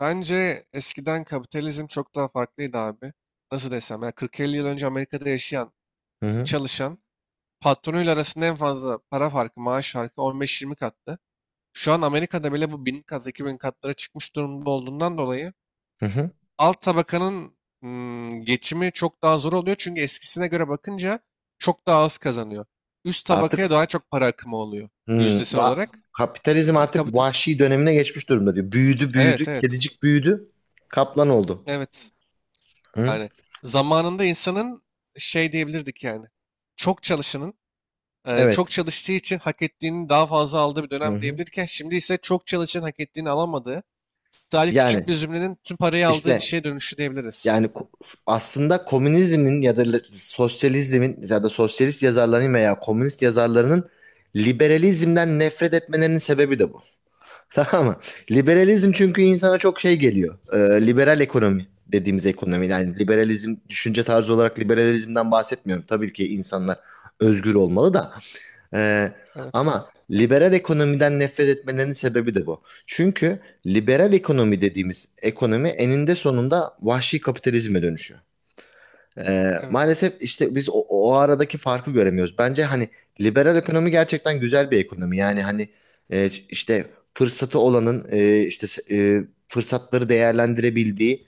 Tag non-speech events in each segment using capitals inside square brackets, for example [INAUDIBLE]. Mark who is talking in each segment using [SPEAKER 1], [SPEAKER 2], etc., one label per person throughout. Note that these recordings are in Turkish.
[SPEAKER 1] Bence eskiden kapitalizm çok daha farklıydı abi. Nasıl desem ya 40-50 yıl önce Amerika'da yaşayan,
[SPEAKER 2] Hı hı.
[SPEAKER 1] çalışan patronuyla arasında en fazla para farkı, maaş farkı 15-20 kattı. Şu an Amerika'da bile bu 1000 kat, 2000 katlara çıkmış durumda olduğundan dolayı
[SPEAKER 2] Hı hı.
[SPEAKER 1] alt tabakanın geçimi çok daha zor oluyor. Çünkü eskisine göre bakınca çok daha az kazanıyor. Üst
[SPEAKER 2] Artık
[SPEAKER 1] tabakaya daha çok para akımı oluyor
[SPEAKER 2] hmm,
[SPEAKER 1] yüzdesel
[SPEAKER 2] va-
[SPEAKER 1] olarak.
[SPEAKER 2] Kapitalizm artık
[SPEAKER 1] Kapital.
[SPEAKER 2] vahşi dönemine geçmiş durumda diyor. Büyüdü büyüdü.
[SPEAKER 1] Evet, evet.
[SPEAKER 2] Kedicik büyüdü. Kaplan oldu.
[SPEAKER 1] Evet.
[SPEAKER 2] Hı?
[SPEAKER 1] Yani zamanında insanın şey diyebilirdik yani. Çok çalışanın
[SPEAKER 2] Evet.
[SPEAKER 1] çok çalıştığı için hak ettiğini daha fazla aldığı bir
[SPEAKER 2] Hı
[SPEAKER 1] dönem
[SPEAKER 2] hı.
[SPEAKER 1] diyebilirken şimdi ise çok çalışan hak ettiğini alamadığı sadece
[SPEAKER 2] Yani
[SPEAKER 1] küçük bir zümrenin tüm parayı aldığı bir
[SPEAKER 2] işte
[SPEAKER 1] şeye dönüşü diyebiliriz.
[SPEAKER 2] yani ko- aslında komünizmin ya da sosyalizmin ya da sosyalist yazarların veya komünist yazarlarının liberalizmden nefret etmelerinin sebebi de bu. Tamam mı? Liberalizm çünkü insana çok şey geliyor. Liberal ekonomi dediğimiz ekonomi. Yani liberalizm düşünce tarzı olarak liberalizmden bahsetmiyorum. Tabii ki insanlar özgür olmalı da. Ee,
[SPEAKER 1] Evet.
[SPEAKER 2] Ama liberal ekonomiden nefret etmelerinin sebebi de bu. Çünkü liberal ekonomi dediğimiz ekonomi eninde sonunda vahşi kapitalizme dönüşüyor.
[SPEAKER 1] Evet.
[SPEAKER 2] Maalesef işte biz o aradaki farkı göremiyoruz. Bence hani liberal ekonomi gerçekten güzel bir ekonomi. Yani hani işte fırsatı olanın e, fırsatları değerlendirebildiği,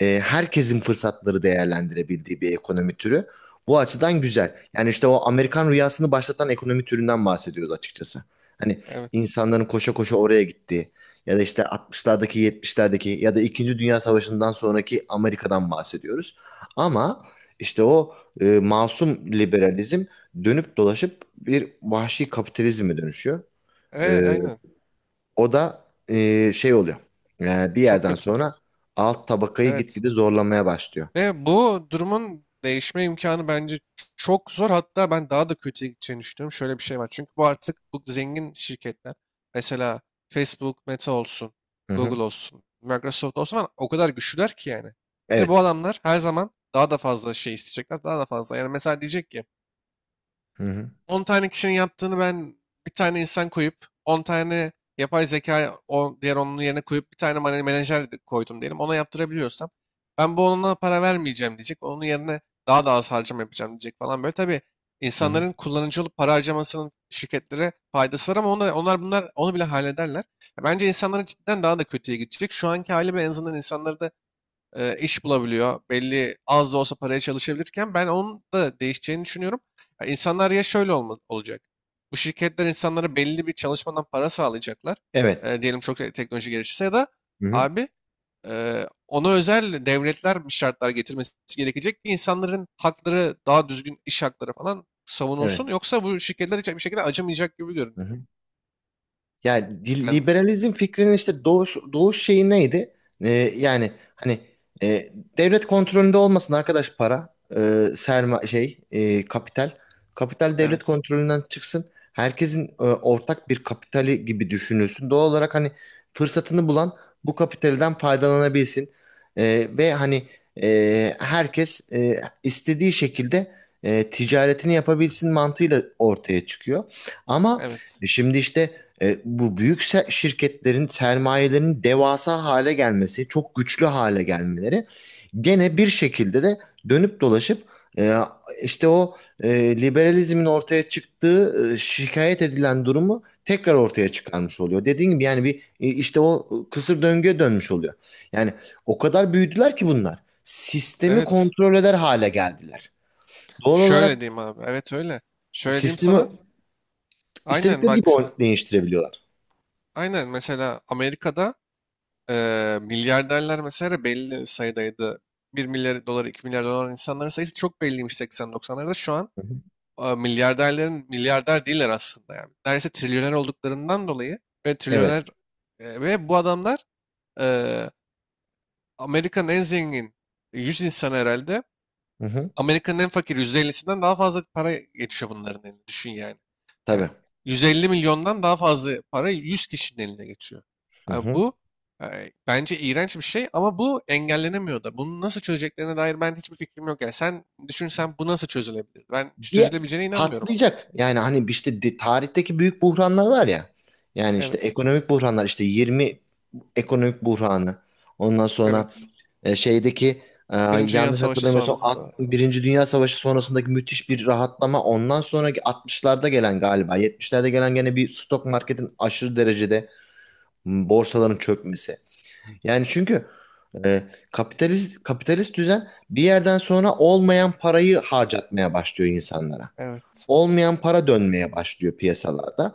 [SPEAKER 2] herkesin fırsatları değerlendirebildiği bir ekonomi türü. Bu açıdan güzel. Yani işte o Amerikan rüyasını başlatan ekonomi türünden bahsediyoruz açıkçası. Hani
[SPEAKER 1] Evet.
[SPEAKER 2] insanların koşa koşa oraya gittiği ya da işte 60'lardaki 70'lerdeki ya da 2. Dünya Savaşı'ndan sonraki Amerika'dan bahsediyoruz. Ama işte o masum liberalizm dönüp dolaşıp bir vahşi kapitalizme dönüşüyor. E,
[SPEAKER 1] Evet, aynen.
[SPEAKER 2] O da şey oluyor. Bir
[SPEAKER 1] Çok
[SPEAKER 2] yerden
[SPEAKER 1] kötü.
[SPEAKER 2] sonra alt tabakayı
[SPEAKER 1] Evet.
[SPEAKER 2] gitgide zorlamaya başlıyor.
[SPEAKER 1] Ve bu durumun değişme imkanı bence çok zor. Hatta ben daha da kötüye gideceğini düşünüyorum. Şöyle bir şey var. Çünkü bu artık bu zengin şirketler. Mesela Facebook, Meta olsun,
[SPEAKER 2] Hı hı.
[SPEAKER 1] Google olsun, Microsoft olsun falan o kadar güçlüler ki yani. Ve bu
[SPEAKER 2] Evet.
[SPEAKER 1] adamlar her zaman daha da fazla şey isteyecekler. Daha da fazla. Yani mesela diyecek ki
[SPEAKER 2] Hı hı.
[SPEAKER 1] on tane kişinin yaptığını ben bir tane insan koyup 10 tane yapay zeka o diğer onun yerine koyup bir tane menajer de koydum diyelim ona yaptırabiliyorsam ben bu onunla para vermeyeceğim diyecek. Onun yerine daha da az harcama yapacağım diyecek falan böyle. Tabii
[SPEAKER 2] Hı hı.
[SPEAKER 1] insanların kullanıcı olup para harcamasının şirketlere faydası var ama onlar bunlar onu bile hallederler. Ya bence insanların cidden daha da kötüye gidecek. Şu anki hali bile en azından insanları da iş bulabiliyor. Belli az da olsa paraya çalışabilirken ben onun da değişeceğini düşünüyorum. Ya İnsanlar ya şöyle olacak. Bu şirketler insanlara belli bir çalışmadan para sağlayacaklar.
[SPEAKER 2] Evet.
[SPEAKER 1] Diyelim çok teknoloji gelişirse ya da
[SPEAKER 2] Hı hı.
[SPEAKER 1] abi ona özel devletler bir şartlar getirmesi gerekecek ki insanların hakları daha düzgün iş hakları falan
[SPEAKER 2] Evet.
[SPEAKER 1] savunulsun. Yoksa bu şirketler hiç bir şekilde acımayacak gibi
[SPEAKER 2] Hı
[SPEAKER 1] görünüyor.
[SPEAKER 2] hı. Yani
[SPEAKER 1] Yani
[SPEAKER 2] liberalizm fikrinin işte doğuş şeyi neydi? Ee, Yani hani e, devlet kontrolünde olmasın arkadaş para, kapital. Kapital devlet
[SPEAKER 1] evet.
[SPEAKER 2] kontrolünden çıksın. Herkesin ortak bir kapitali gibi düşünülsün. Doğal olarak hani fırsatını bulan bu kapitalden faydalanabilsin. Ve hani herkes istediği şekilde ticaretini yapabilsin mantığıyla ortaya çıkıyor. Ama
[SPEAKER 1] Evet.
[SPEAKER 2] şimdi işte bu büyük şirketlerin sermayelerinin devasa hale gelmesi, çok güçlü hale gelmeleri gene bir şekilde de dönüp dolaşıp e, işte o liberalizmin ortaya çıktığı şikayet edilen durumu tekrar ortaya çıkarmış oluyor. Dediğim gibi yani bir işte o kısır döngüye dönmüş oluyor. Yani o kadar büyüdüler ki bunlar. Sistemi
[SPEAKER 1] Evet.
[SPEAKER 2] kontrol eder hale geldiler. Doğal olarak
[SPEAKER 1] Şöyle diyeyim abi. Evet, öyle. Şöyle diyeyim
[SPEAKER 2] sistemi
[SPEAKER 1] sana. Aynen
[SPEAKER 2] istedikleri gibi
[SPEAKER 1] bak.
[SPEAKER 2] değiştirebiliyorlar.
[SPEAKER 1] Aynen mesela Amerika'da milyarderler mesela belli sayıdaydı. 1 milyar dolar, 2 milyar dolar insanların sayısı çok belliymiş 80-90'larda. Şu an
[SPEAKER 2] Hı hı.
[SPEAKER 1] milyarderlerin milyarder değiller aslında yani. Neredeyse trilyoner olduklarından dolayı ve
[SPEAKER 2] Evet.
[SPEAKER 1] trilyoner ve bu adamlar e, Amerika'nın en zengin 100 insanı herhalde
[SPEAKER 2] Hı hı.
[SPEAKER 1] Amerika'nın en fakir %50'sinden daha fazla para geçiyor bunların eline. Düşün yani. Yani
[SPEAKER 2] Tabii.
[SPEAKER 1] 150 milyondan daha fazla para 100 kişinin eline geçiyor.
[SPEAKER 2] Hı
[SPEAKER 1] Yani
[SPEAKER 2] hı.
[SPEAKER 1] bu bence iğrenç bir şey ama bu engellenemiyor da. Bunu nasıl çözeceklerine dair ben hiçbir fikrim yok. Yani sen düşünsen bu nasıl çözülebilir? Ben
[SPEAKER 2] bir
[SPEAKER 1] çözülebileceğine inanmıyorum.
[SPEAKER 2] Patlayacak. Yani hani işte tarihteki büyük buhranlar var ya. Yani işte
[SPEAKER 1] Evet.
[SPEAKER 2] ekonomik buhranlar işte 20 ekonomik buhranı. Ondan sonra
[SPEAKER 1] Evet.
[SPEAKER 2] şeydeki e,
[SPEAKER 1] Birinci Dünya
[SPEAKER 2] yanlış
[SPEAKER 1] Savaşı
[SPEAKER 2] hatırlamıyorsam
[SPEAKER 1] sonrası.
[SPEAKER 2] Birinci Dünya Savaşı sonrasındaki müthiş bir rahatlama. Ondan sonraki 60'larda gelen galiba 70'lerde gelen gene bir stok marketin aşırı derecede borsaların çökmesi. Yani çünkü e, kapitalist düzen bir yerden sonra olmayan parayı harcatmaya başlıyor insanlara.
[SPEAKER 1] Evet.
[SPEAKER 2] Olmayan para dönmeye başlıyor piyasalarda.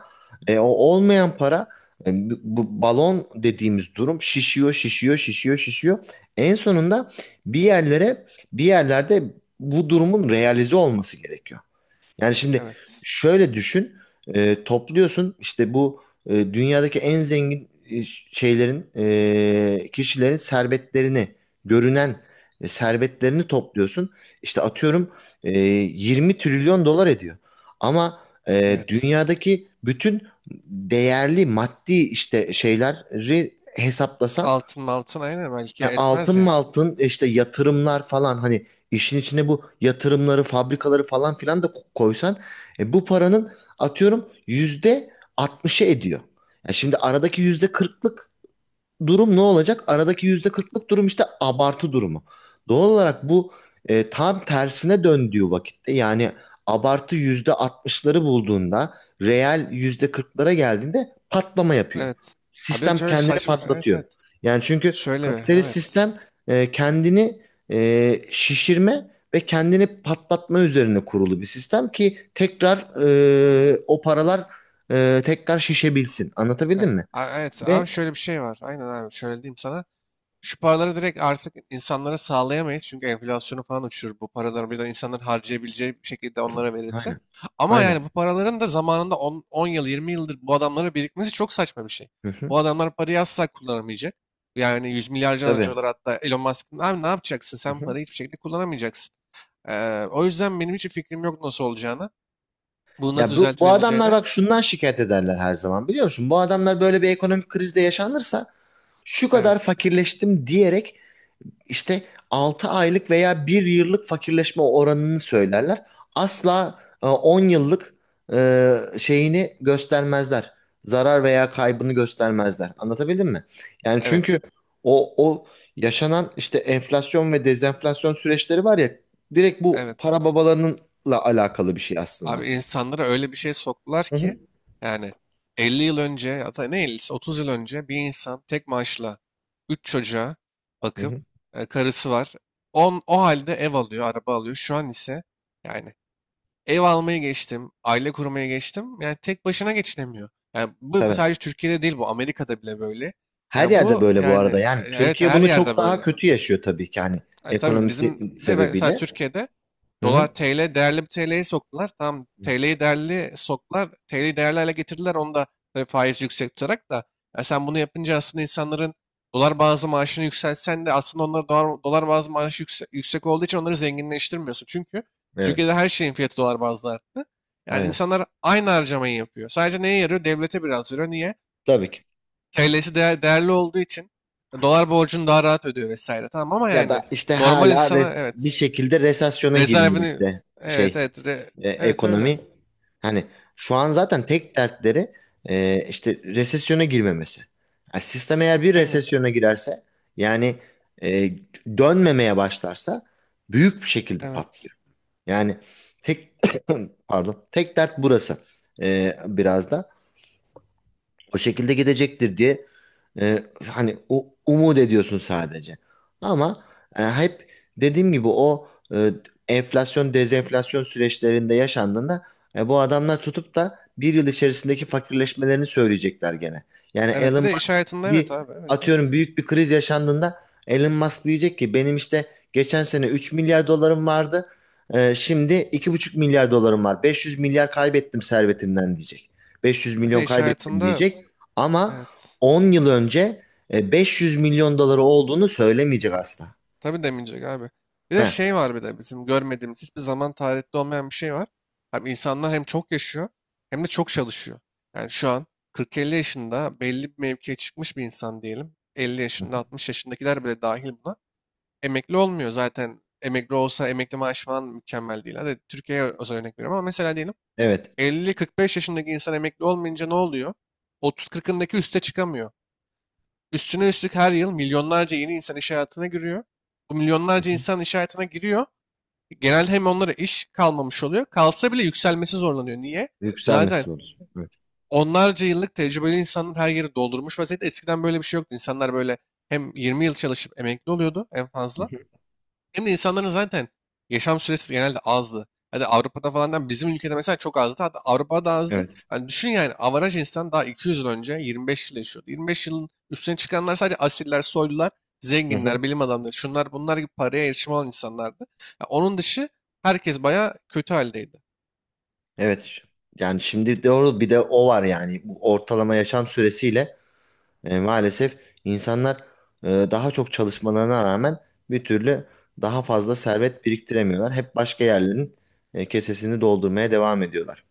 [SPEAKER 2] O olmayan para, bu balon dediğimiz durum şişiyor, şişiyor, şişiyor, şişiyor. En sonunda bir yerlere, bir yerlerde bu durumun realize olması gerekiyor. Yani şimdi
[SPEAKER 1] Evet.
[SPEAKER 2] şöyle düşün, topluyorsun işte bu dünyadaki en zengin kişilerin servetlerini, görünen servetlerini topluyorsun. İşte atıyorum 20 trilyon dolar ediyor. Ama
[SPEAKER 1] Evet.
[SPEAKER 2] dünyadaki bütün değerli maddi işte şeyleri hesaplasan
[SPEAKER 1] Altın altın aynen belki
[SPEAKER 2] altın
[SPEAKER 1] etmez
[SPEAKER 2] mı
[SPEAKER 1] yani.
[SPEAKER 2] altın işte yatırımlar falan hani işin içine bu yatırımları fabrikaları falan filan da koysan bu paranın atıyorum yüzde 60'ı ediyor. Ya şimdi aradaki yüzde kırklık durum ne olacak? Aradaki yüzde kırklık durum işte abartı durumu. Doğal olarak bu tam tersine döndüğü vakitte yani abartı yüzde altmışları bulduğunda reel yüzde kırklara geldiğinde patlama yapıyor.
[SPEAKER 1] Evet. Abi
[SPEAKER 2] Sistem
[SPEAKER 1] şöyle
[SPEAKER 2] kendini
[SPEAKER 1] saçma. Evet,
[SPEAKER 2] patlatıyor.
[SPEAKER 1] evet.
[SPEAKER 2] Yani çünkü
[SPEAKER 1] Şöyle
[SPEAKER 2] kapitalist
[SPEAKER 1] evet.
[SPEAKER 2] sistem kendini şişirme ve kendini patlatma üzerine kurulu bir sistem ki tekrar o paralar tekrar şişebilsin. Anlatabildim
[SPEAKER 1] Evet,
[SPEAKER 2] mi?
[SPEAKER 1] a- evet
[SPEAKER 2] Ve
[SPEAKER 1] ama şöyle bir şey var. Aynen abi şöyle diyeyim sana. Şu paraları direkt artık insanlara sağlayamayız. Çünkü enflasyonu falan uçurur. Bu paraları birden insanların harcayabileceği bir şekilde onlara verilse.
[SPEAKER 2] Aynen.
[SPEAKER 1] Ama yani bu
[SPEAKER 2] Aynen.
[SPEAKER 1] paraların da zamanında on yıl 20 yıldır bu adamlara birikmesi çok saçma bir şey.
[SPEAKER 2] Hı hı.
[SPEAKER 1] Bu adamlar parayı asla kullanamayacak. Yani yüz milyarca
[SPEAKER 2] Tabii.
[SPEAKER 1] dolar hatta Elon Musk'ın abi ne yapacaksın?
[SPEAKER 2] Hı
[SPEAKER 1] Sen
[SPEAKER 2] hı.
[SPEAKER 1] parayı hiçbir şekilde kullanamayacaksın. O yüzden benim hiç fikrim yok nasıl olacağına. Bu nasıl
[SPEAKER 2] Ya bu adamlar
[SPEAKER 1] düzeltilebileceğine.
[SPEAKER 2] bak şundan şikayet ederler her zaman biliyor musun? Bu adamlar böyle bir ekonomik krizde yaşanırsa şu kadar
[SPEAKER 1] Evet.
[SPEAKER 2] fakirleştim diyerek İşte 6 aylık veya bir yıllık fakirleşme oranını söylerler. Asla 10 yıllık şeyini göstermezler. Zarar veya kaybını göstermezler. Anlatabildim mi? Yani
[SPEAKER 1] Evet.
[SPEAKER 2] çünkü o yaşanan işte enflasyon ve dezenflasyon süreçleri var ya, direkt bu
[SPEAKER 1] Evet.
[SPEAKER 2] para babalarınınla alakalı bir şey aslında.
[SPEAKER 1] Abi insanlara öyle bir şey soktular
[SPEAKER 2] Hı hı.
[SPEAKER 1] ki yani 50 yıl önce ya da ne 50'si 30 yıl önce bir insan tek maaşla 3 çocuğa
[SPEAKER 2] Hı
[SPEAKER 1] bakıp
[SPEAKER 2] hı.
[SPEAKER 1] karısı var. O halde ev alıyor, araba alıyor. Şu an ise yani ev almayı geçtim, aile kurmaya geçtim. Yani tek başına geçinemiyor. Yani bu
[SPEAKER 2] Tabii.
[SPEAKER 1] sadece Türkiye'de değil bu Amerika'da bile böyle.
[SPEAKER 2] Her
[SPEAKER 1] Yani
[SPEAKER 2] yerde
[SPEAKER 1] bu
[SPEAKER 2] böyle bu
[SPEAKER 1] yani
[SPEAKER 2] arada. Yani
[SPEAKER 1] evet
[SPEAKER 2] Türkiye
[SPEAKER 1] her
[SPEAKER 2] bunu
[SPEAKER 1] yerde
[SPEAKER 2] çok daha
[SPEAKER 1] böyle.
[SPEAKER 2] kötü yaşıyor tabii ki, hani
[SPEAKER 1] E tabii
[SPEAKER 2] ekonomisi
[SPEAKER 1] bizim bir de mesela
[SPEAKER 2] sebebiyle.
[SPEAKER 1] Türkiye'de
[SPEAKER 2] Hı hı.
[SPEAKER 1] dolar TL değerli bir TL'yi soktular. Tamam, TL'yi değerli soktular. TL'yi değerli hale getirdiler. Onu da tabii faiz yüksek tutarak da ya sen bunu yapınca aslında insanların dolar bazlı maaşını yükseltsen de aslında onlara dolar bazlı maaşı yüksek olduğu için onları zenginleştirmiyorsun. Çünkü
[SPEAKER 2] Evet.
[SPEAKER 1] Türkiye'de her şeyin fiyatı dolar bazlı arttı. Yani
[SPEAKER 2] Aynen.
[SPEAKER 1] insanlar aynı harcamayı yapıyor. Sadece neye yarıyor? Devlete biraz yarıyor. Niye?
[SPEAKER 2] Tabii ki.
[SPEAKER 1] TL'si değerli olduğu için dolar borcunu daha rahat ödüyor vesaire. Tamam ama
[SPEAKER 2] Ya da
[SPEAKER 1] yani
[SPEAKER 2] işte
[SPEAKER 1] normal
[SPEAKER 2] hala
[SPEAKER 1] insana
[SPEAKER 2] bir
[SPEAKER 1] evet
[SPEAKER 2] şekilde resesyona girmiyor
[SPEAKER 1] rezervini
[SPEAKER 2] işte
[SPEAKER 1] evet evet evet öyle.
[SPEAKER 2] ekonomi. Hani şu an zaten tek dertleri işte resesyona girmemesi. Yani sistem eğer bir
[SPEAKER 1] Aynen.
[SPEAKER 2] resesyona girerse yani e, dönmemeye başlarsa büyük bir şekilde
[SPEAKER 1] Evet.
[SPEAKER 2] patlıyor. Yani tek [COUGHS] [CLEARS THROAT] pardon, tek dert burası. Biraz da o şekilde gidecektir diye hani umut ediyorsun sadece. Ama hep dediğim gibi o e, enflasyon dezenflasyon süreçlerinde yaşandığında bu adamlar tutup da bir yıl içerisindeki fakirleşmelerini söyleyecekler gene. Yani
[SPEAKER 1] Evet
[SPEAKER 2] Elon
[SPEAKER 1] bir de iş
[SPEAKER 2] Musk,
[SPEAKER 1] hayatında evet
[SPEAKER 2] bir
[SPEAKER 1] abi evet
[SPEAKER 2] atıyorum
[SPEAKER 1] evet.
[SPEAKER 2] büyük bir kriz yaşandığında, Elon Musk diyecek ki benim işte geçen sene 3 milyar dolarım vardı. Şimdi 2,5 milyar dolarım var. 500 milyar kaybettim servetimden diyecek. beş yüz
[SPEAKER 1] Bir
[SPEAKER 2] milyon
[SPEAKER 1] de iş
[SPEAKER 2] kaybettim
[SPEAKER 1] hayatında
[SPEAKER 2] diyecek. Ama
[SPEAKER 1] evet.
[SPEAKER 2] 10 yıl önce 500 milyon doları olduğunu söylemeyecek asla.
[SPEAKER 1] Tabii demeyecek abi. Bir de şey
[SPEAKER 2] Ha,
[SPEAKER 1] var bir de bizim görmediğimiz hiçbir zaman tarihte olmayan bir şey var. Abi insanlar hem çok yaşıyor hem de çok çalışıyor. Yani şu an 40-50 yaşında belli bir mevkiye çıkmış bir insan diyelim. 50 yaşında 60 yaşındakiler bile dahil buna. Emekli olmuyor zaten. Emekli olsa emekli maaşı falan mükemmel değil. Hadi Türkiye'ye özel örnek veriyorum ama mesela diyelim
[SPEAKER 2] evet.
[SPEAKER 1] elli, 45 yaşındaki insan emekli olmayınca ne oluyor? 30-40'ındaki üste çıkamıyor. Üstüne üstlük her yıl milyonlarca yeni insan iş hayatına giriyor. Bu
[SPEAKER 2] Hı
[SPEAKER 1] milyonlarca
[SPEAKER 2] hı.
[SPEAKER 1] insan iş hayatına giriyor. Genelde hem onlara iş kalmamış oluyor. Kalsa bile yükselmesi zorlanıyor. Niye? Zaten
[SPEAKER 2] Yükselmesi olur. Evet.
[SPEAKER 1] onlarca yıllık tecrübeli insanlar her yeri doldurmuş vaziyette. Eskiden böyle bir şey yoktu. İnsanlar böyle hem 20 yıl çalışıp emekli oluyordu en
[SPEAKER 2] Hı
[SPEAKER 1] fazla.
[SPEAKER 2] hı.
[SPEAKER 1] Hem de insanların zaten yaşam süresi genelde azdı. Hadi Avrupa'da falan da bizim ülkede mesela çok azdı. Hatta Avrupa'da azdı.
[SPEAKER 2] Evet.
[SPEAKER 1] Yani düşün yani avaraj insan daha 200 yıl önce 25 yıl yaşıyordu. 25 yılın üstüne çıkanlar sadece asiller, soylular,
[SPEAKER 2] Hı hı.
[SPEAKER 1] zenginler, bilim adamları, şunlar bunlar gibi paraya erişim olan insanlardı. Ya onun dışı herkes bayağı kötü haldeydi.
[SPEAKER 2] Evet. Yani şimdi doğru, bir de o var yani. Bu ortalama yaşam süresiyle maalesef insanlar daha çok çalışmalarına rağmen bir türlü daha fazla servet biriktiremiyorlar. Hep başka yerlerin kesesini doldurmaya devam ediyorlar.